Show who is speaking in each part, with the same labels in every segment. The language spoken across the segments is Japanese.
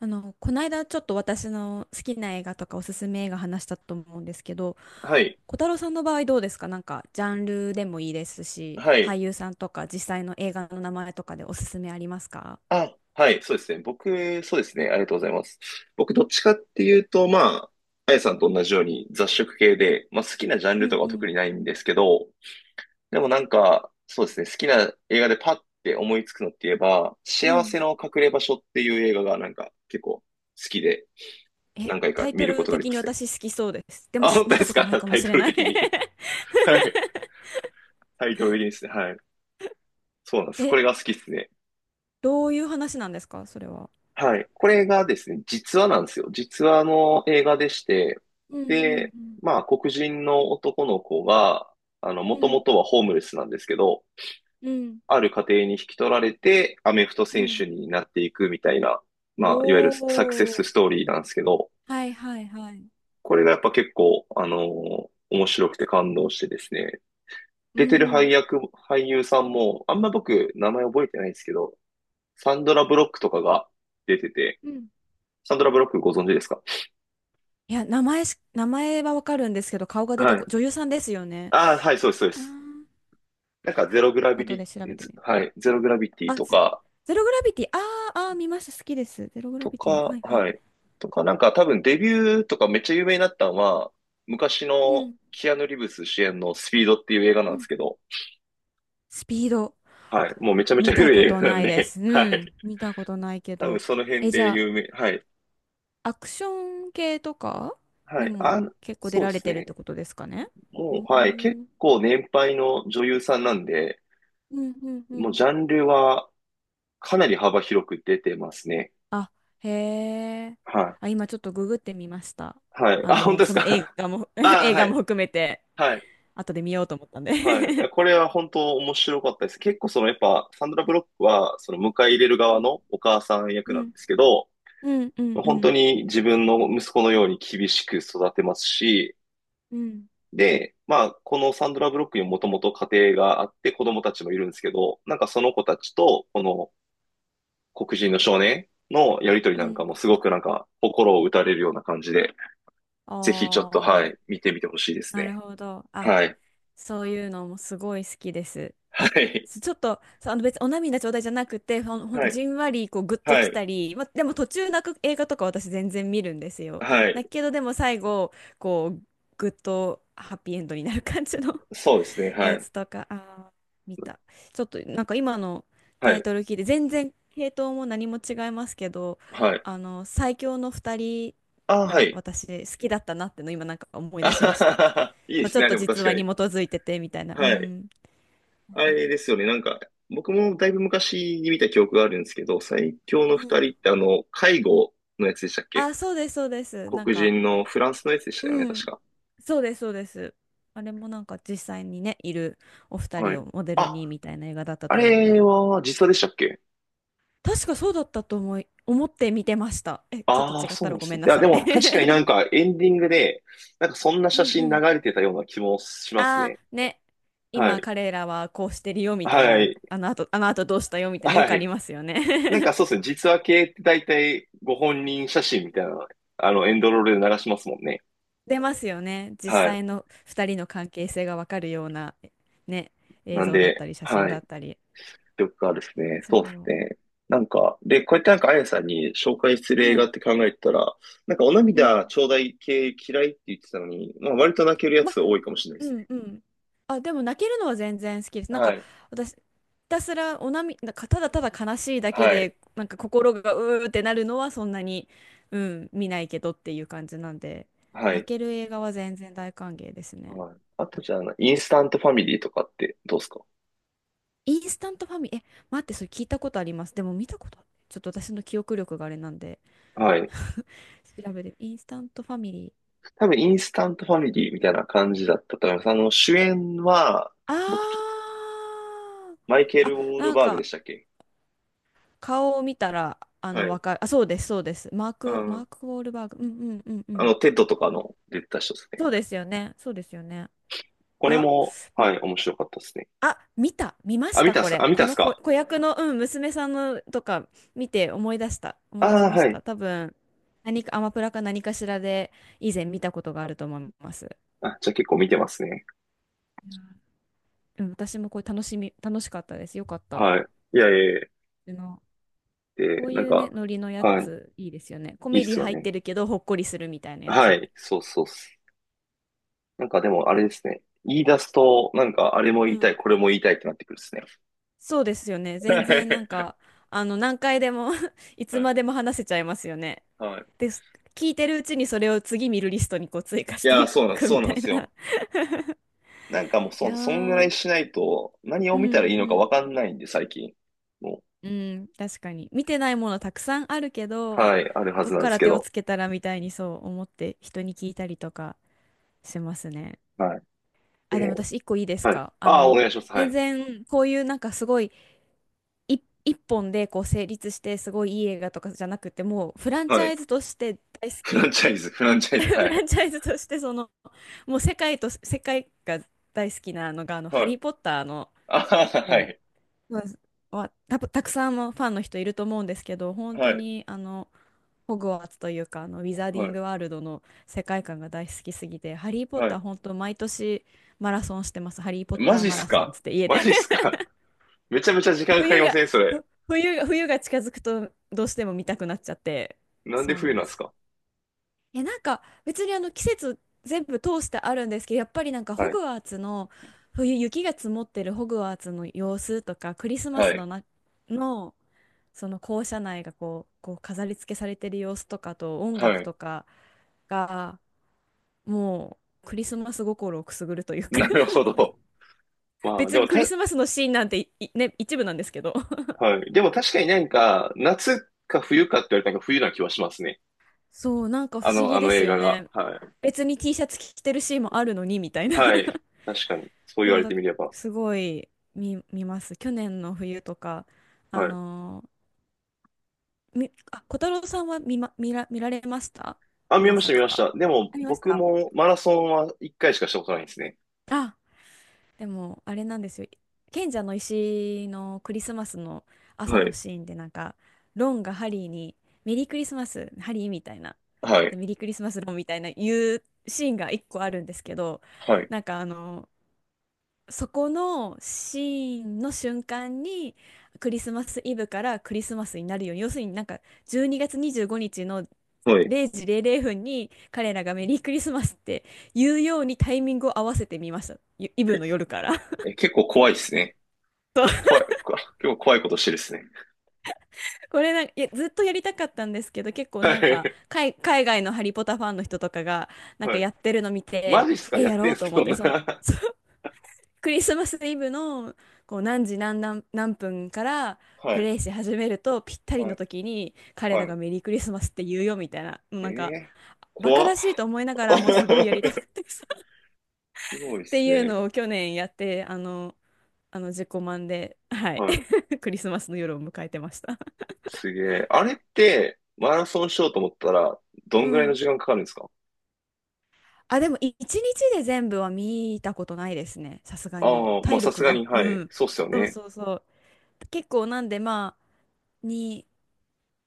Speaker 1: この間ちょっと私の好きな映画とかおすすめ映画話したと思うんですけど、
Speaker 2: はい。
Speaker 1: 小太郎さんの場合どうですか？なんかジャンルでもいいですし、
Speaker 2: は
Speaker 1: 俳
Speaker 2: い。
Speaker 1: 優さんとか実際の映画の名前とかでおすすめありますか？
Speaker 2: あ、はい。そうですね。僕、そうですね。ありがとうございます。僕、どっちかっていうと、まあ、あやさんと同じように雑食系で、まあ、好きなジャン
Speaker 1: う
Speaker 2: ルと
Speaker 1: ん
Speaker 2: かは
Speaker 1: う
Speaker 2: 特
Speaker 1: ん。
Speaker 2: にないんですけど、でもなんか、そうですね。好きな映画でパッて思いつくのって言えば、
Speaker 1: う
Speaker 2: 幸せ
Speaker 1: ん。
Speaker 2: の隠れ場所っていう映画がなんか結構好きで、
Speaker 1: え、
Speaker 2: 何回
Speaker 1: タ
Speaker 2: か
Speaker 1: イ
Speaker 2: 見
Speaker 1: ト
Speaker 2: るこ
Speaker 1: ル
Speaker 2: とがあり
Speaker 1: 的
Speaker 2: ま
Speaker 1: に
Speaker 2: すね。
Speaker 1: 私好きそうです。でも
Speaker 2: あ、
Speaker 1: し
Speaker 2: 本
Speaker 1: 見
Speaker 2: 当で
Speaker 1: た
Speaker 2: す
Speaker 1: ことない
Speaker 2: か？
Speaker 1: か
Speaker 2: タ
Speaker 1: も
Speaker 2: イ
Speaker 1: し
Speaker 2: ト
Speaker 1: れ
Speaker 2: ル
Speaker 1: ない。
Speaker 2: 的に。はい。タイトル的にですね。はい。そうなんです。こ
Speaker 1: え、
Speaker 2: れが好きですね。
Speaker 1: どういう話なんですかそれは？
Speaker 2: はい。これがですね、実話なんですよ。実話の映画でして、
Speaker 1: うんう
Speaker 2: で、
Speaker 1: ん
Speaker 2: まあ、黒人の男の子が、も
Speaker 1: う
Speaker 2: とも
Speaker 1: ん
Speaker 2: とはホームレスなんですけど、
Speaker 1: うんうん
Speaker 2: ある家庭に引き取られて、アメフト
Speaker 1: う
Speaker 2: 選
Speaker 1: ん。
Speaker 2: 手になっていくみたいな、まあ、いわゆるサクセ
Speaker 1: お
Speaker 2: ス
Speaker 1: ー。
Speaker 2: ストーリーなんですけど、
Speaker 1: はいはいはい。
Speaker 2: これがやっぱ結構、面白くて感動してですね、
Speaker 1: う
Speaker 2: 出てる配
Speaker 1: ん
Speaker 2: 役、俳優さんも、あんま僕、名前覚えてないんですけど、サンドラ・ブロックとかが出てて、
Speaker 1: うん。
Speaker 2: サンドラ・ブロックご存知ですか？
Speaker 1: いや、名前はわかるんですけど、顔が出て
Speaker 2: は
Speaker 1: こ、
Speaker 2: い。
Speaker 1: 女優さんですよね？
Speaker 2: ああ、はい、そうです、そうで
Speaker 1: あ
Speaker 2: す。
Speaker 1: あ、
Speaker 2: なんか、ゼログラビ
Speaker 1: 後
Speaker 2: リ、
Speaker 1: で調べてみよう。
Speaker 2: はい、ゼログラビティ
Speaker 1: あ、
Speaker 2: と
Speaker 1: ゼ、
Speaker 2: か、
Speaker 1: ゼログラビティ。あーあー、見ました。好きです。ゼログラ
Speaker 2: と
Speaker 1: ビティ。
Speaker 2: か、
Speaker 1: はいはい。
Speaker 2: はい、とか、なんか、多分デビューとかめっちゃ有名になったのは、昔
Speaker 1: う
Speaker 2: の
Speaker 1: ん。
Speaker 2: キアヌ・リーブス主演のスピードっていう映画な
Speaker 1: う
Speaker 2: んです
Speaker 1: ん。
Speaker 2: けど、
Speaker 1: スピード。
Speaker 2: はい、もうめちゃめち
Speaker 1: 見
Speaker 2: ゃ
Speaker 1: た
Speaker 2: 古
Speaker 1: こ
Speaker 2: い映
Speaker 1: と
Speaker 2: 画な
Speaker 1: な
Speaker 2: ん
Speaker 1: いで
Speaker 2: で、
Speaker 1: す。
Speaker 2: は
Speaker 1: うん。
Speaker 2: い、
Speaker 1: 見たことないけ
Speaker 2: 多分
Speaker 1: ど。
Speaker 2: その辺
Speaker 1: え、じ
Speaker 2: で
Speaker 1: ゃ
Speaker 2: 有名、はい、
Speaker 1: あ、アクション系とか
Speaker 2: は
Speaker 1: に
Speaker 2: い、あ、
Speaker 1: も結構出
Speaker 2: そうで
Speaker 1: られ
Speaker 2: す
Speaker 1: てるって
Speaker 2: ね。
Speaker 1: ことですかね？う
Speaker 2: もう、はい、結
Speaker 1: ん。
Speaker 2: 構年配の女優さんなんで、
Speaker 1: うんうんう
Speaker 2: もう
Speaker 1: ん。
Speaker 2: ジャンルはかなり幅広く出てますね。
Speaker 1: あ、へえ。
Speaker 2: は
Speaker 1: あ、今ちょっとググってみました。
Speaker 2: い、はい、
Speaker 1: あ
Speaker 2: あ、本
Speaker 1: の、
Speaker 2: 当です
Speaker 1: その映
Speaker 2: か？
Speaker 1: 画も
Speaker 2: あ、
Speaker 1: 映
Speaker 2: は
Speaker 1: 画も
Speaker 2: い。
Speaker 1: 含めて、
Speaker 2: はい。
Speaker 1: 後で見ようと思ったんで。
Speaker 2: はい。これは本当面白かったです。結構そのやっぱサンドラ・ブロックはその迎え入れる側のお母さん役
Speaker 1: う
Speaker 2: なん
Speaker 1: ん。
Speaker 2: ですけど、
Speaker 1: うん、うん、う
Speaker 2: 本当
Speaker 1: ん、
Speaker 2: に自分の息子のように厳しく育てますし、
Speaker 1: うん、
Speaker 2: で、まあこのサンドラ・ブロックにもともと家庭があって子供たちもいるんですけど、なんかその子たちとこの黒人の少年のやりとり
Speaker 1: う
Speaker 2: なんか
Speaker 1: ん。
Speaker 2: もすごくなんか心を打たれるような感じで、ぜひちょっとは
Speaker 1: ああ、
Speaker 2: い、見てみてほしいです
Speaker 1: なる
Speaker 2: ね。
Speaker 1: ほど。あ、
Speaker 2: はい。
Speaker 1: そういうのもすごい好きです。
Speaker 2: はい。
Speaker 1: ちょっと、そう別にお涙ちょうだいじゃなくて、ほん
Speaker 2: はい。
Speaker 1: じんわりこうグッと
Speaker 2: は
Speaker 1: き
Speaker 2: い。
Speaker 1: たり、ま、でも途中泣く映画とか私全然見るんですよ。
Speaker 2: は
Speaker 1: だ
Speaker 2: い。
Speaker 1: けどでも最後、こう、グッとハッピーエンドになる感じの
Speaker 2: そうですね。は
Speaker 1: や
Speaker 2: い。
Speaker 1: つとか、あー、見た。ちょっとなんか今の
Speaker 2: は
Speaker 1: タイ
Speaker 2: い。
Speaker 1: トル聞いて、全然系統も何も違いますけど、
Speaker 2: はい。
Speaker 1: あの、最強の二人
Speaker 2: ああ、は
Speaker 1: が
Speaker 2: い。
Speaker 1: 私好きだったなっての今なんか思 い
Speaker 2: あ
Speaker 1: 出し
Speaker 2: は
Speaker 1: まし
Speaker 2: は
Speaker 1: た。
Speaker 2: は。いいで
Speaker 1: ち
Speaker 2: す
Speaker 1: ょっ
Speaker 2: ね。
Speaker 1: と
Speaker 2: でも
Speaker 1: 実
Speaker 2: 確か
Speaker 1: 話に
Speaker 2: に。
Speaker 1: 基づいててみたいな。う
Speaker 2: はい。
Speaker 1: ん。
Speaker 2: あれですよね。なんか、僕もだいぶ昔に見た記憶があるんですけど、最強の
Speaker 1: う
Speaker 2: 二
Speaker 1: ん。
Speaker 2: 人って介護のやつでしたっけ？
Speaker 1: あ、そうです、そうです。なん
Speaker 2: 黒
Speaker 1: か、
Speaker 2: 人のフランスのやつでしたよね、
Speaker 1: う
Speaker 2: 確
Speaker 1: ん。
Speaker 2: か。
Speaker 1: そうです、そうです。あれもなんか実際にね、いるお二
Speaker 2: はい。
Speaker 1: 人をモデル
Speaker 2: あ、
Speaker 1: にみたいな映画だった
Speaker 2: あ
Speaker 1: と思うん
Speaker 2: れ
Speaker 1: で。
Speaker 2: は実話でしたっけ？
Speaker 1: 確かそうだったと思って見てました。え、ちょっと
Speaker 2: ああー、
Speaker 1: 違っ
Speaker 2: そ
Speaker 1: た
Speaker 2: うな
Speaker 1: ら
Speaker 2: んで
Speaker 1: ご
Speaker 2: す
Speaker 1: めん
Speaker 2: ね。い
Speaker 1: な
Speaker 2: や、で
Speaker 1: さい。
Speaker 2: も確かになん かエンディングで、なんかそんな
Speaker 1: う
Speaker 2: 写
Speaker 1: ん
Speaker 2: 真
Speaker 1: う
Speaker 2: 流
Speaker 1: ん。
Speaker 2: れてたような気もします
Speaker 1: あ
Speaker 2: ね。
Speaker 1: あ、ね。
Speaker 2: は
Speaker 1: 今
Speaker 2: い。
Speaker 1: 彼らはこうしてるよみたい
Speaker 2: は
Speaker 1: な、
Speaker 2: い。
Speaker 1: あの後どうしたよみたいなよく
Speaker 2: は
Speaker 1: あり
Speaker 2: い。
Speaker 1: ますよ
Speaker 2: なんか
Speaker 1: ね。
Speaker 2: そうですね、実話系って大体ご本人写真みたいな、あの、エンドロールで流しますもんね。
Speaker 1: 出ますよね。実
Speaker 2: はい。
Speaker 1: 際の2人の関係性がわかるような、ね、映
Speaker 2: なん
Speaker 1: 像だった
Speaker 2: で、
Speaker 1: り写真
Speaker 2: は
Speaker 1: だ
Speaker 2: い。
Speaker 1: ったり。
Speaker 2: とかですね、
Speaker 1: そ
Speaker 2: そうです
Speaker 1: う。
Speaker 2: ね。なんか、で、こうやってなんかあやさんに紹介する映
Speaker 1: は
Speaker 2: 画
Speaker 1: い。
Speaker 2: って考えてたら、なんかお
Speaker 1: う
Speaker 2: 涙
Speaker 1: ん。
Speaker 2: ちょうだい系嫌いって言ってたのに、まあ割と泣けるや
Speaker 1: ま、
Speaker 2: つ多いかもしれない
Speaker 1: う
Speaker 2: ですね。
Speaker 1: んうん。あ、でも泣けるのは全然好きです。なん
Speaker 2: は
Speaker 1: か
Speaker 2: い。
Speaker 1: 私、ひたすらおなみ、なんかただただ悲しいだけ
Speaker 2: はい。
Speaker 1: で、なんか心がうーってなるのはそんなに、うん、見ないけどっていう感じなんで、
Speaker 2: は
Speaker 1: 泣
Speaker 2: い。
Speaker 1: ける映画は全然大歓迎ですね。
Speaker 2: はい。あとじゃあ、インスタントファミリーとかってどうですか？
Speaker 1: インスタントファミリー、え、待って、それ聞いたことあります。でも見たこと、ちょっと私の記憶力があれなんで、
Speaker 2: はい。
Speaker 1: 調べて、インスタントファミリー。
Speaker 2: 多分、インスタントファミリーみたいな感じだったと思います。あの、主演は、僕、
Speaker 1: あー、
Speaker 2: マイケル・
Speaker 1: あ、
Speaker 2: ウォール
Speaker 1: なん
Speaker 2: バーグで
Speaker 1: か、
Speaker 2: したっけ？
Speaker 1: 顔を見たら、あ
Speaker 2: は
Speaker 1: の、
Speaker 2: い。
Speaker 1: わかる。あ、そうです、そうです。
Speaker 2: あ
Speaker 1: マ
Speaker 2: ー、
Speaker 1: ーク・ウォールバーグ。うんうんうんう
Speaker 2: あ
Speaker 1: ん。
Speaker 2: の、テッドとかの出てた人ですね。
Speaker 1: そうですよね。そうですよね。
Speaker 2: こ
Speaker 1: い
Speaker 2: れ
Speaker 1: や、
Speaker 2: も、
Speaker 1: ん
Speaker 2: はい、面白かったですね。
Speaker 1: あ、見ま
Speaker 2: あ、
Speaker 1: し
Speaker 2: 見
Speaker 1: た、
Speaker 2: たっ
Speaker 1: こ
Speaker 2: すか？あ、
Speaker 1: れ。
Speaker 2: 見た
Speaker 1: こ
Speaker 2: っす
Speaker 1: の子、
Speaker 2: か？
Speaker 1: 子役の、うん、娘さんのとか見て思い出した。思い出し
Speaker 2: ああー、
Speaker 1: ま
Speaker 2: は
Speaker 1: し
Speaker 2: い。
Speaker 1: た。多分、何か、アマプラか何かしらで以前見たことがあると思います。い
Speaker 2: あ、じゃあ結構見てますね。
Speaker 1: やうん、私もこれ楽しかったです。よかった。
Speaker 2: はい。いやいやいや。
Speaker 1: あの、
Speaker 2: で、
Speaker 1: こう
Speaker 2: なん
Speaker 1: いうね、
Speaker 2: か、
Speaker 1: ノリのや
Speaker 2: はい。
Speaker 1: つ、いいですよね。コ
Speaker 2: いいっ
Speaker 1: メディ
Speaker 2: すよ
Speaker 1: 入って
Speaker 2: ね。
Speaker 1: るけど、ほっこりするみたいなや
Speaker 2: は
Speaker 1: つ。
Speaker 2: い。そうそうっす。なんかでもあれですね。言い出すと、なんかあれも
Speaker 1: う
Speaker 2: 言いた
Speaker 1: ん。
Speaker 2: い、これも言いたいってなってくるですね。
Speaker 1: そうですよね。
Speaker 2: は
Speaker 1: 全
Speaker 2: い。
Speaker 1: 然なんか、あの、何回でも いつまでも話せちゃいますよね。
Speaker 2: はい。
Speaker 1: で、聞いてるうちにそれを次見るリストにこう追加
Speaker 2: い
Speaker 1: し
Speaker 2: やー、
Speaker 1: て
Speaker 2: そう
Speaker 1: い
Speaker 2: なん、
Speaker 1: く
Speaker 2: そ
Speaker 1: み
Speaker 2: うなん
Speaker 1: た
Speaker 2: で
Speaker 1: い
Speaker 2: す
Speaker 1: な。
Speaker 2: よ。なんかもう
Speaker 1: いや
Speaker 2: そ、そんぐらい
Speaker 1: ー、
Speaker 2: しないと、何を
Speaker 1: う
Speaker 2: 見たらい
Speaker 1: ん
Speaker 2: い
Speaker 1: う
Speaker 2: のか
Speaker 1: ん。
Speaker 2: わかんないんで、最近。も、
Speaker 1: うん、確かに。見てないものたくさんあるけど、
Speaker 2: はい、あるは
Speaker 1: ど
Speaker 2: ず
Speaker 1: っ
Speaker 2: なん
Speaker 1: か
Speaker 2: です
Speaker 1: ら
Speaker 2: け
Speaker 1: 手を
Speaker 2: ど。
Speaker 1: つけたらみたいにそう思って人に聞いたりとかしますね。
Speaker 2: はい。
Speaker 1: あ、でも
Speaker 2: で、
Speaker 1: 私一個いいです
Speaker 2: はい。
Speaker 1: か？あ
Speaker 2: ああ、お
Speaker 1: の、
Speaker 2: 願いします。は
Speaker 1: 全
Speaker 2: い。
Speaker 1: 然こういうなんかすごい一本でこう成立してすごいいい映画とかじゃなくて、もうフランチ
Speaker 2: は
Speaker 1: ャイ
Speaker 2: い。
Speaker 1: ズとして大好
Speaker 2: フラン
Speaker 1: き。
Speaker 2: チャイズ、フランチ ャイズ、は
Speaker 1: フラ
Speaker 2: い。
Speaker 1: ンチャイズとしてそのもう世界と世界が大好きなのがあの「ハ
Speaker 2: はい。
Speaker 1: リー・ポッター」の
Speaker 2: あはは
Speaker 1: も
Speaker 2: い。
Speaker 1: う、うん、たくさんのファンの人いると思うんですけど、本
Speaker 2: は
Speaker 1: 当
Speaker 2: い。
Speaker 1: にあのホグワーツというかあのウィザーデ
Speaker 2: は
Speaker 1: ィン
Speaker 2: い。
Speaker 1: グワールドの世界観が大好きすぎて「ハリー・ポッ
Speaker 2: は
Speaker 1: ター」
Speaker 2: い。
Speaker 1: 本当毎年マラソンしてます。「ハリー・ポッ
Speaker 2: マ
Speaker 1: ター
Speaker 2: ジっ
Speaker 1: マ
Speaker 2: す
Speaker 1: ラソン」
Speaker 2: か？
Speaker 1: つって 家
Speaker 2: マ
Speaker 1: で、
Speaker 2: ジっすか？ めちゃめちゃ時間かかり
Speaker 1: 冬
Speaker 2: ま
Speaker 1: が、
Speaker 2: せんそれ。
Speaker 1: ふ冬が、冬が近づくとどうしても見たくなっちゃって、
Speaker 2: なんで
Speaker 1: そうな
Speaker 2: 冬
Speaker 1: ん
Speaker 2: なん
Speaker 1: で
Speaker 2: です
Speaker 1: す。
Speaker 2: か？
Speaker 1: え、なんか別にあの季節全部通してあるんですけど、やっぱりなんかホ
Speaker 2: はい。
Speaker 1: グワーツの冬雪が積もってるホグワーツの様子とか、クリスマ
Speaker 2: は
Speaker 1: ス
Speaker 2: い。
Speaker 1: のな、のその校舎内がこう、飾り付けされてる様子とかと音
Speaker 2: は
Speaker 1: 楽
Speaker 2: い。
Speaker 1: とかがもうクリスマス心をくすぐるというか。
Speaker 2: なるほど。まあ、
Speaker 1: 別
Speaker 2: でも
Speaker 1: にクリ
Speaker 2: た、
Speaker 1: スマスのシーンなんていいね、一部なんですけど、
Speaker 2: はい。でも確かになんか、夏か冬かって言われたらなんか冬な気はしますね。
Speaker 1: そう、なんか不
Speaker 2: あ
Speaker 1: 思
Speaker 2: の、あ
Speaker 1: 議で
Speaker 2: の
Speaker 1: す
Speaker 2: 映
Speaker 1: よ
Speaker 2: 画が。
Speaker 1: ね。
Speaker 2: はい。
Speaker 1: 別に T シャツ着てるシーンもあるのにみたいな。
Speaker 2: はい。確かに。そう言わ
Speaker 1: そう
Speaker 2: れ
Speaker 1: だ、
Speaker 2: てみれば。
Speaker 1: すごい見ます。去年の冬とか、あ
Speaker 2: はい。
Speaker 1: のーみ、あ、小太郎さんは見られました？
Speaker 2: あ、見
Speaker 1: 何
Speaker 2: ました、見
Speaker 1: 作
Speaker 2: まし
Speaker 1: か
Speaker 2: た。でも、
Speaker 1: ありまし
Speaker 2: 僕
Speaker 1: た。
Speaker 2: もマラソンは一回しかしたことないんですね。
Speaker 1: あでも、あれなんですよ。賢者の石のクリスマスの朝
Speaker 2: は
Speaker 1: の
Speaker 2: い。
Speaker 1: シーンで、なんか、ロンがハリーに、メリークリスマス、ハリーみたいな。
Speaker 2: は
Speaker 1: で、
Speaker 2: い。
Speaker 1: メリークリスマス、ロンみたいな言うシーンが一個あるんですけど、
Speaker 2: はい。
Speaker 1: なんかあの、そこのシーンの瞬間に、クリスマスイブからクリスマスになるように、要するになんか、12月25日の
Speaker 2: はい。
Speaker 1: 0時00分に彼らがメリークリスマスって言うようにタイミングを合わせてみました。イ
Speaker 2: え、
Speaker 1: ブの夜から。
Speaker 2: え結構怖いですね。怖い、こ結構怖いことしてるですね。
Speaker 1: これなんか、いや、ずっとやりたかったんですけど、結構
Speaker 2: は
Speaker 1: なんか、
Speaker 2: い。
Speaker 1: 海外のハリポタファンの人とかが、なん
Speaker 2: は
Speaker 1: か
Speaker 2: い。
Speaker 1: やってるの見
Speaker 2: マ
Speaker 1: て、
Speaker 2: ジっすか
Speaker 1: え、
Speaker 2: や
Speaker 1: や
Speaker 2: っ
Speaker 1: ろ
Speaker 2: てん
Speaker 1: う
Speaker 2: す
Speaker 1: と
Speaker 2: け
Speaker 1: 思っ
Speaker 2: ど
Speaker 1: て、
Speaker 2: な。
Speaker 1: その、そう、クリスマスイブの、こう、何時何分から
Speaker 2: は
Speaker 1: プ
Speaker 2: い。
Speaker 1: レイし始めると、ぴったり
Speaker 2: は
Speaker 1: の
Speaker 2: い。
Speaker 1: 時に、彼ら
Speaker 2: はい。
Speaker 1: がメリークリスマスって言うよ、みたいな、
Speaker 2: え
Speaker 1: なんか、
Speaker 2: え、
Speaker 1: バカ
Speaker 2: 怖っ。
Speaker 1: らしいと思いながらも、すごいやりたかっ たっ
Speaker 2: すごいで
Speaker 1: て
Speaker 2: す
Speaker 1: いう
Speaker 2: ね。
Speaker 1: のを去年やって、あの、自己満で、はい、
Speaker 2: はい。
Speaker 1: クリスマスの夜を迎えてました。
Speaker 2: すげえ。あれって、マラソンしようと思ったら、ど
Speaker 1: う
Speaker 2: んぐらいの
Speaker 1: ん。
Speaker 2: 時間かかるんですか？
Speaker 1: あ、でも一日で全部は見たことないですね。さすが
Speaker 2: あ
Speaker 1: に。
Speaker 2: あー、まあ
Speaker 1: 体
Speaker 2: さす
Speaker 1: 力
Speaker 2: が
Speaker 1: が。
Speaker 2: に、
Speaker 1: う
Speaker 2: はい。
Speaker 1: ん。
Speaker 2: そうっすよ
Speaker 1: そう
Speaker 2: ね。
Speaker 1: そうそう。結構なんでまあ、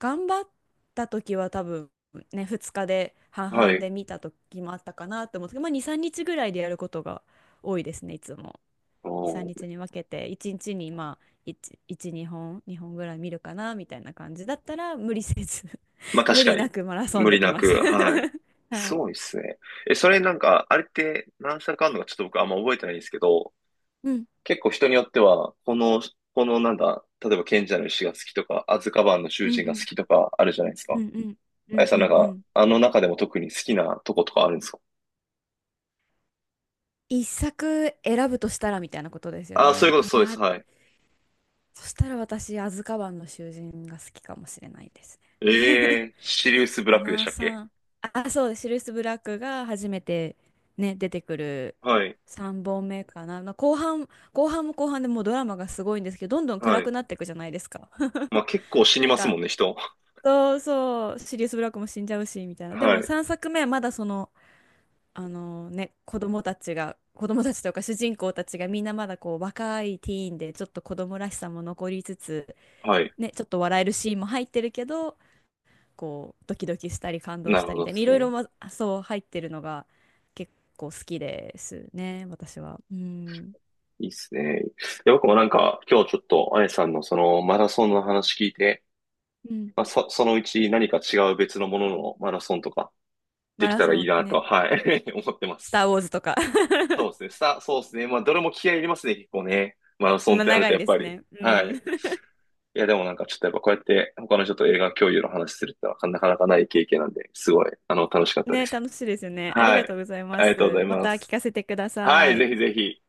Speaker 1: 頑張った時は多分ね、2日で半
Speaker 2: は
Speaker 1: 々
Speaker 2: い。
Speaker 1: で見た時もあったかなと思うんですけど、まあ2、3日ぐらいでやることが多いですね、いつも。
Speaker 2: お
Speaker 1: 2、3
Speaker 2: ー、
Speaker 1: 日にちに分けて、1日にちにまあ、1、1、2本、2本ぐらい見るかな、みたいな感じだったら、無理せず
Speaker 2: まあ
Speaker 1: 無
Speaker 2: 確か
Speaker 1: 理
Speaker 2: に、
Speaker 1: なくマラソン
Speaker 2: 無
Speaker 1: で
Speaker 2: 理
Speaker 1: き
Speaker 2: な
Speaker 1: ま
Speaker 2: く、
Speaker 1: す。
Speaker 2: はい。
Speaker 1: は
Speaker 2: す
Speaker 1: い。
Speaker 2: ごいっすね。え、それなんか、あれって何社かあるのかちょっと僕あんま覚えてないんですけど、
Speaker 1: うん、
Speaker 2: 結構人によっては、この、このなんだ、例えば賢者の石が好きとか、アズカバンの囚
Speaker 1: うん
Speaker 2: 人
Speaker 1: う
Speaker 2: が好
Speaker 1: ん。
Speaker 2: きとかあるじゃないです
Speaker 1: う
Speaker 2: か。
Speaker 1: んうんう
Speaker 2: あや
Speaker 1: んう
Speaker 2: さんなん
Speaker 1: んう
Speaker 2: か、
Speaker 1: ん。
Speaker 2: あの中でも特に好きなとことかあるんですか？
Speaker 1: 一作選ぶとしたらみたいなことですよ
Speaker 2: ああ、そうい
Speaker 1: ね？
Speaker 2: うこ
Speaker 1: い
Speaker 2: と、そうで
Speaker 1: や
Speaker 2: す、
Speaker 1: ー、
Speaker 2: はい。
Speaker 1: そしたら私、アズカバンの囚人が好きかもしれないです
Speaker 2: ええ
Speaker 1: ね。
Speaker 2: ー、シリウス ブラ
Speaker 1: ガ
Speaker 2: ックで
Speaker 1: ナ
Speaker 2: し
Speaker 1: ー
Speaker 2: たっけ？
Speaker 1: さん。あ、そう、シルス・ブラックが初めてね、出てくる
Speaker 2: はい、
Speaker 1: 3本目かな。まあ後半も後半でもうドラマがすごいんですけど、どんどん
Speaker 2: は
Speaker 1: 暗く
Speaker 2: い。
Speaker 1: なっていくじゃないですか。
Speaker 2: まあ結構死 に
Speaker 1: なん
Speaker 2: ます
Speaker 1: か、
Speaker 2: もんね、人。
Speaker 1: そうそう、シリウス・ブラックも死んじゃうし、みたいな。で
Speaker 2: は
Speaker 1: も
Speaker 2: い、
Speaker 1: 3作目はまだその、あのね、子供たちとか主人公たちがみんなまだこう若いティーンで、ちょっと子供らしさも残りつつ、
Speaker 2: はい。
Speaker 1: ね、ちょっと笑えるシーンも入ってるけど、こう、ドキドキしたり感動
Speaker 2: な
Speaker 1: し
Speaker 2: る
Speaker 1: た
Speaker 2: ほ
Speaker 1: りみ
Speaker 2: ど
Speaker 1: た
Speaker 2: で
Speaker 1: いに、い
Speaker 2: す
Speaker 1: ろいろ、
Speaker 2: ね。
Speaker 1: ま、そう入ってるのが結構好きですね、私は。うん。
Speaker 2: いいっすね。いや、僕もなんか、今日ちょっと、あやさんのそのマラソンの話聞いて、
Speaker 1: うん。
Speaker 2: まあ、そ、そのうち何か違う別のもののマラソンとかで
Speaker 1: マ
Speaker 2: き
Speaker 1: ラ
Speaker 2: たらい
Speaker 1: ソ
Speaker 2: い
Speaker 1: ン
Speaker 2: な
Speaker 1: ね、
Speaker 2: と、はい、思ってま
Speaker 1: ス
Speaker 2: す。
Speaker 1: ター・ウォーズとか。
Speaker 2: そうですね。さ、そうですね。まあ、どれも気合い入れますね、結構ね。マラソンっ
Speaker 1: まあ
Speaker 2: てなる
Speaker 1: 長
Speaker 2: と、
Speaker 1: い
Speaker 2: やっ
Speaker 1: で
Speaker 2: ぱ
Speaker 1: す
Speaker 2: り。
Speaker 1: ね。う
Speaker 2: はい。
Speaker 1: ん。
Speaker 2: いや、でもなんか、ちょっとやっぱこうやって他の人と映画共有の話するってのはなかなかない経験なんで、すごい、あの、楽しかったで
Speaker 1: ね、
Speaker 2: す。
Speaker 1: 楽しいですよね。あり
Speaker 2: は
Speaker 1: が
Speaker 2: い。
Speaker 1: とうございま
Speaker 2: ありがとうござ
Speaker 1: す。
Speaker 2: い
Speaker 1: ま
Speaker 2: ま
Speaker 1: た聞
Speaker 2: す。
Speaker 1: かせてくだ
Speaker 2: は
Speaker 1: さ
Speaker 2: い、
Speaker 1: い。
Speaker 2: ぜひぜひ。